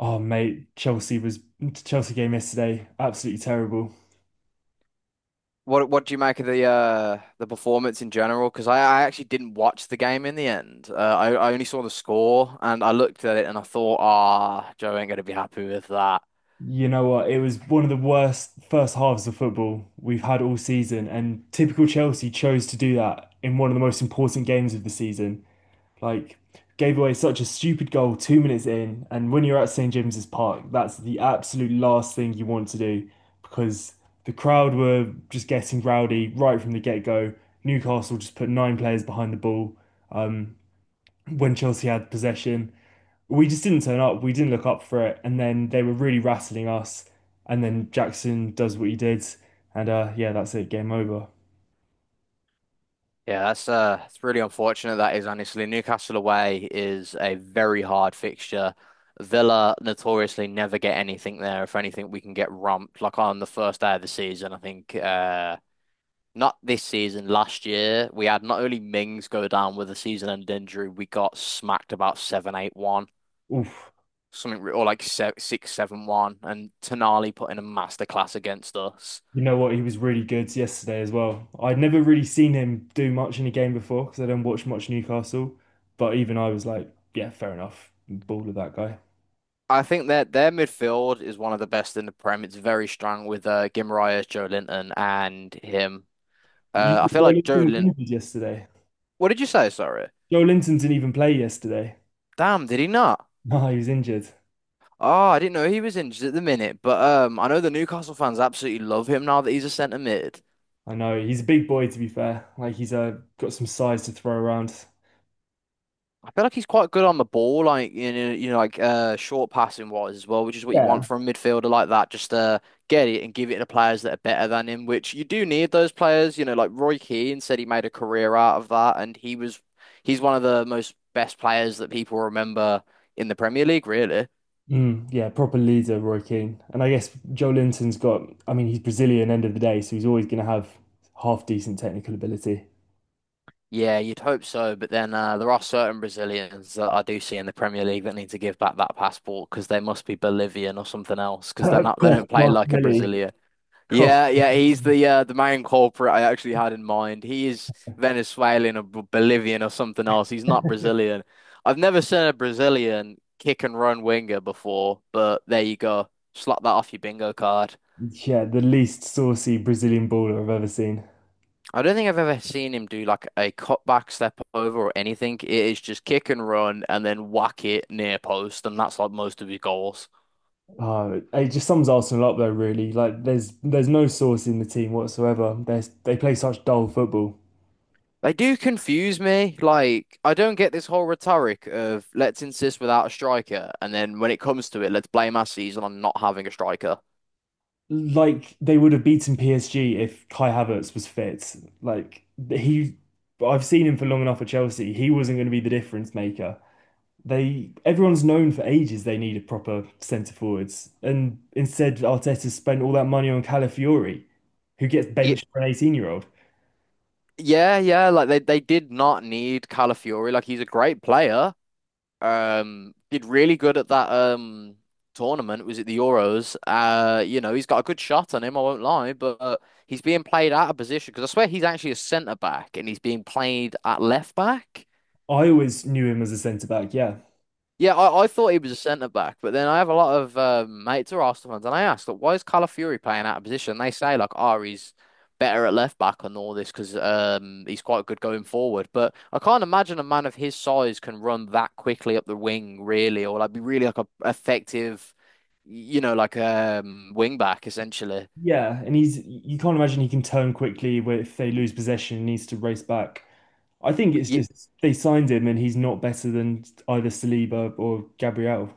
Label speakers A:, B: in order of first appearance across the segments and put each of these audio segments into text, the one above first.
A: Oh mate, Chelsea game yesterday, absolutely terrible.
B: What do you make of the performance in general? Because I actually didn't watch the game in the end. I only saw the score and I looked at it and I thought, ah, Joe ain't gonna be happy with that.
A: You know what? It was one of the worst first halves of football we've had all season, and typical Chelsea chose to do that in one of the most important games of the season. Like, gave away such a stupid goal 2 minutes in, and when you're at St James's Park, that's the absolute last thing you want to do because the crowd were just getting rowdy right from the get-go. Newcastle just put nine players behind the ball um, when Chelsea had possession we just didn't turn up. We didn't look up for it, and then they were really rattling us. And then Jackson does what he did, and yeah, that's it. Game over.
B: Yeah, that's it's really unfortunate that is, honestly. Newcastle away is a very hard fixture. Villa notoriously never get anything there. If anything, we can get romped. Like on the first day of the season, I think, not this season, last year, we had not only Mings go down with a season-end injury, we got smacked about seven, eight, one,
A: Oof.
B: something, or like six, seven, one, and Tonali put in a masterclass against us.
A: You know what? He was really good yesterday as well. I'd never really seen him do much in a game before because I don't watch much Newcastle. But even I was like, yeah, fair enough. Ball of that guy.
B: I think that their midfield is one of the best in the Prem. It's very strong with Guimaraes, Joe Linton, and him. I feel
A: Joe
B: like Joe
A: Linton was
B: Linton.
A: injured yesterday.
B: What did you say? Sorry.
A: Joe Linton didn't even play yesterday.
B: Damn, did he not?
A: No, he was injured.
B: Oh, I didn't know he was injured at the minute, but I know the Newcastle fans absolutely love him now that he's a centre mid.
A: I know. He's a big boy, to be fair. Like he's got some size to throw around.
B: I feel like he's quite good on the ball, like, like, short passing wise as well, which is what you want
A: Yeah.
B: from a midfielder like that. Just get it and give it to players that are better than him, which you do need those players. Like Roy Keane said, he made a career out of that, and he's one of the most best players that people remember in the Premier League, really.
A: Mm, yeah, proper leader, Roy Keane. And I guess I mean, he's Brazilian end of the day, so he's always going to have half decent technical ability.
B: Yeah, you'd hope so, but then there are certain Brazilians that I do see in the Premier League that need to give back that passport because they must be Bolivian or something else, because they're not, they
A: Kof
B: don't play like a
A: Martinelli.
B: Brazilian.
A: Kof.
B: Yeah, yeah, he's the main culprit I actually had in mind. He is Venezuelan or Bolivian or something else. He's not Brazilian. I've never seen a Brazilian kick and run winger before, but there you go. Slot that off your bingo card.
A: Yeah, the least saucy Brazilian baller I've ever seen.
B: I don't think I've ever seen him do like a cutback step over or anything. It is just kick and run and then whack it near post, and that's like most of his goals.
A: It just sums Arsenal up though, really. Like there's no sauce in the team whatsoever. They play such dull football.
B: They do confuse me. Like, I don't get this whole rhetoric of let's insist without a striker, and then when it comes to it, let's blame our season on not having a striker.
A: Like they would have beaten PSG if Kai Havertz was fit. Like he, I've seen him for long enough at Chelsea. He wasn't going to be the difference maker. Everyone's known for ages they needed proper centre forwards, and instead Arteta spent all that money on Calafiori, who gets
B: Ye-
A: benched for an 18-year-old.
B: Yeah, yeah, like, they did not need Calafiori. Like, he's a great player. Did really good at that tournament. Was it the Euros? He's got a good shot on him, I won't lie, but he's being played out of position because I swear he's actually a centre back and he's being played at left back.
A: I always knew him as a centre back. Yeah,
B: Yeah, I thought he was a centre back, but then I have a lot of mates who are Arsenal fans, and I asked, like, why is Calafuri playing out of position? They say, like, oh, he's better at left back and all this because he's quite good going forward. But I can't imagine a man of his size can run that quickly up the wing, really, or like be really like a effective, like, wing back essentially.
A: yeah, and he's you can't imagine he can turn quickly where if they lose possession, he needs to race back. I think it's just they signed him and he's not better than either Saliba or Gabriel.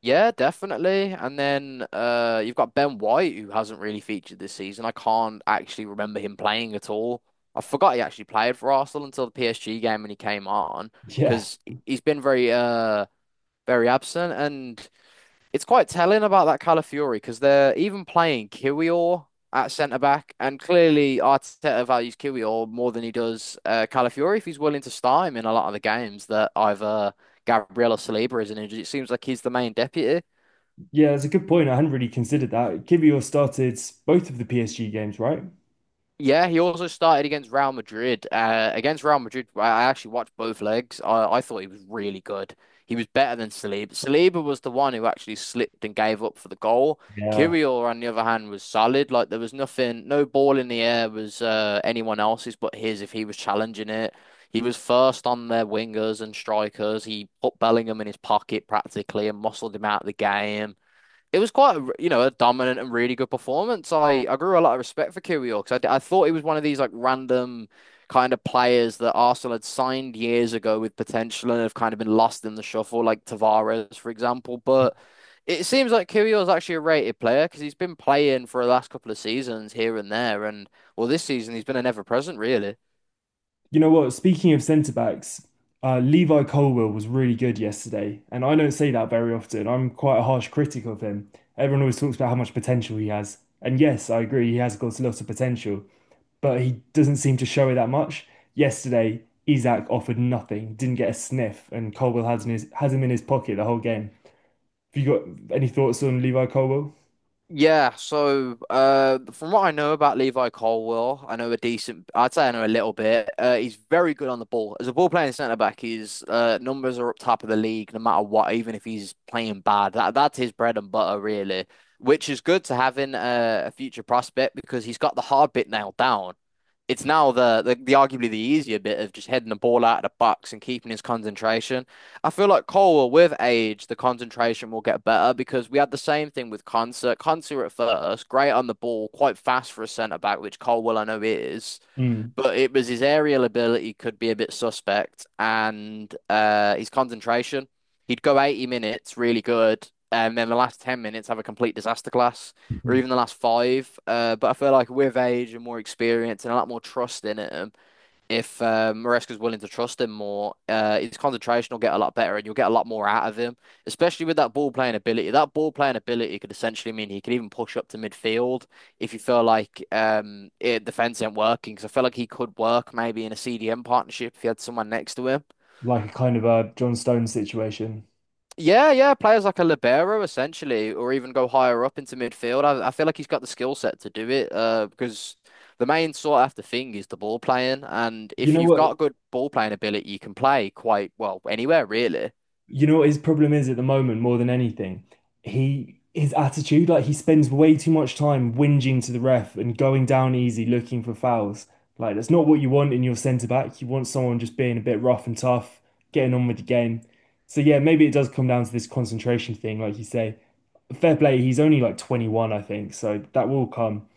B: Yeah, definitely. And then you've got Ben White, who hasn't really featured this season. I can't actually remember him playing at all. I forgot he actually played for Arsenal until the PSG game when he came on,
A: Yeah,
B: because he's been very, very absent. And it's quite telling about that Calafiori, because they're even playing Kiwior at centre back, and clearly Arteta values Kiwior more than he does Calafiori if he's willing to start him in a lot of the games that either Gabriel or Saliba isn't injured. It seems like he's the main deputy.
A: yeah, that's a good point. I hadn't really considered that. Kivior started both of the PSG games, right?
B: Yeah, he also started against Real Madrid. Against Real Madrid, I actually watched both legs. I thought he was really good. He was better than Saliba. Saliba was the one who actually slipped and gave up for the goal.
A: Yeah.
B: Kirill, on the other hand, was solid. Like, there was nothing, no ball in the air was anyone else's but his if he was challenging it. He was first on their wingers and strikers. He put Bellingham in his pocket practically and muscled him out of the game. It was quite a dominant and really good performance. I grew a lot of respect for Kyrgios, 'cause I thought he was one of these like random kind of players that Arsenal had signed years ago with potential and have kind of been lost in the shuffle, like Tavares, for example. But it seems like Kyrgios is actually a rated player because he's been playing for the last couple of seasons here and there, and, well, this season he's been an ever present, really.
A: You know what? Speaking of centre backs, Levi Colwill was really good yesterday, and I don't say that very often. I'm quite a harsh critic of him. Everyone always talks about how much potential he has, and yes, I agree, he has got a lot of potential. But he doesn't seem to show it that much. Yesterday, Isak offered nothing, didn't get a sniff, and Colwill has him in his pocket the whole game. Have you got any thoughts on Levi Colwill?
B: Yeah, so from what I know about Levi Colwill, I know a decent. I'd say I know a little bit. He's very good on the ball. As a ball playing centre back, his numbers are up top of the league, no matter what. Even if he's playing bad, that's his bread and butter, really. Which is good to have in a future prospect, because he's got the hard bit nailed down. It's now the arguably the easier bit of just heading the ball out of the box and keeping his concentration. I feel like Cole, with age, the concentration will get better, because we had the same thing with Concert. Concert at first, great on the ball, quite fast for a centre back, which Colwell I know is,
A: Mm.
B: but it was his aerial ability could be a bit suspect and his concentration. He'd go 80 minutes really good, and then the last 10 minutes have a complete disaster class, or
A: Mhm.
B: even the last five. But I feel like with age and more experience and a lot more trust in it, if Maresca's willing to trust him more, his concentration will get a lot better and you'll get a lot more out of him, especially with that ball playing ability. That ball playing ability could essentially mean he could even push up to midfield if you feel like defense ain't working. Because I feel like he could work maybe in a CDM partnership if he had someone next to him.
A: Like a kind of a John Stones situation.
B: Yeah, yeah, players like a libero essentially, or even go higher up into midfield. I feel like he's got the skill set to do it. Because the main sought after thing is the ball playing, and
A: You
B: if
A: know
B: you've
A: what?
B: got good ball playing ability, you can play quite well anywhere, really.
A: You know what his problem is at the moment, more than anything? He his attitude, like he spends way too much time whinging to the ref and going down easy looking for fouls. Like that's not what you want in your centre back. You want someone just being a bit rough and tough, getting on with the game. So yeah, maybe it does come down to this concentration thing, like you say. Fair play, he's only like 21, I think, so that will come.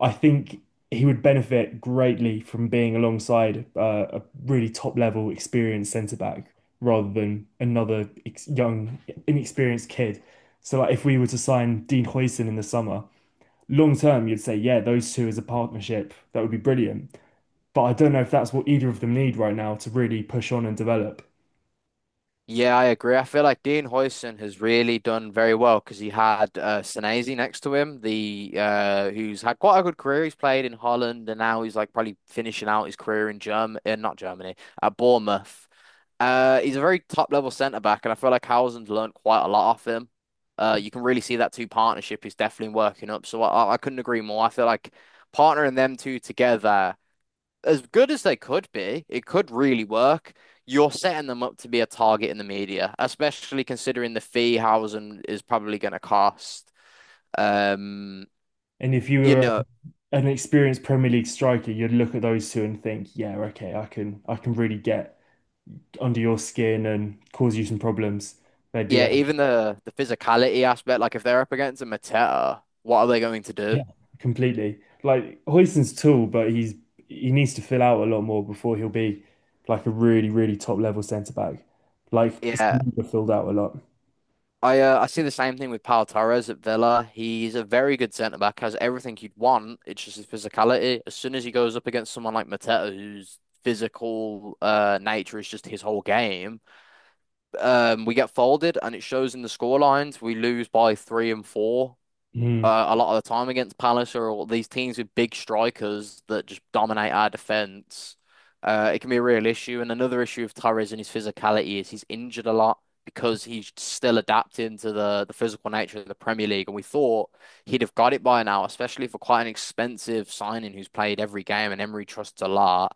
A: I think he would benefit greatly from being alongside a really top level experienced centre back rather than another ex young inexperienced kid. So like if we were to sign Dean Huijsen in the summer, long term you'd say yeah those two as a partnership that would be brilliant. But I don't know if that's what either of them need right now to really push on and develop.
B: Yeah, I agree. I feel like Dean Huijsen has really done very well because he had Senesi next to him, the who's had quite a good career. He's played in Holland, and now he's like probably finishing out his career in Germany, not Germany, at Bournemouth. He's a very top level centre back, and I feel like Howland's learned quite a lot off him. You can really see that two partnership is definitely working up. So I couldn't agree more. I feel like partnering them two together, as good as they could be, it could really work. You're setting them up to be a target in the media, especially considering the fee Howland is probably going to cost. Um,
A: And if you
B: you
A: were
B: know,
A: an experienced Premier League striker, you'd look at those two and think, yeah, okay, I can really get under your skin and cause you some problems. They'd be
B: yeah, even the physicality aspect. Like, if they're up against a Mateta, what are they going to do?
A: yeah, completely like Huijsen's tall, but he needs to fill out a lot more before he'll be like a really, really top level centre back. Like
B: Yeah,
A: Saliba filled out a lot.
B: I see the same thing with Pau Torres at Villa. He's a very good centre back, has everything you'd want. It's just his physicality. As soon as he goes up against someone like Mateta, whose physical nature is just his whole game, we get folded, and it shows in the score lines. We lose by three and four
A: Mm.
B: a lot of the time against Palace or these teams with big strikers that just dominate our defense. It can be a real issue. And another issue with Torres and his physicality is he's injured a lot because he's still adapting to the physical nature of the Premier League. And we thought he'd have got it by now, especially for quite an expensive signing who's played every game and Emery trusts a lot.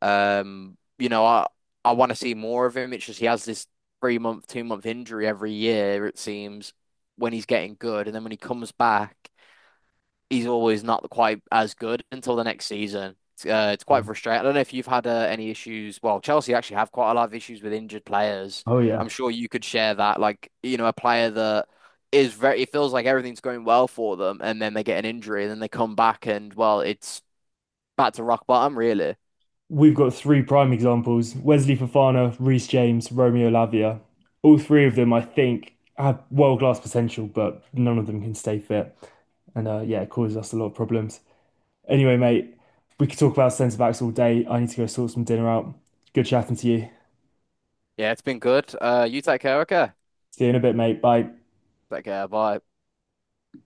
B: Um, you know, I, I want to see more of him. It's just he has this 3-month, 2-month injury every year, it seems, when he's getting good. And then when he comes back, he's always not quite as good until the next season. It's
A: Yeah.
B: quite frustrating. I don't know if you've had any issues. Well, Chelsea actually have quite a lot of issues with injured players.
A: Oh
B: I'm
A: yeah.
B: sure you could share that. Like, you know, a player that is very, it feels like everything's going well for them, and then they get an injury, and then they come back, and, well, it's back to rock bottom, really.
A: We've got three prime examples: Wesley Fofana, Reece James, Romeo Lavia. All three of them, I think, have world class potential, but none of them can stay fit, and yeah, it causes us a lot of problems. Anyway, mate, we could talk about centre backs all day. I need to go sort some dinner out. Good chatting to you.
B: Yeah, it's been good. You take care, okay?
A: See you in a bit, mate. Bye.
B: Take care. Bye.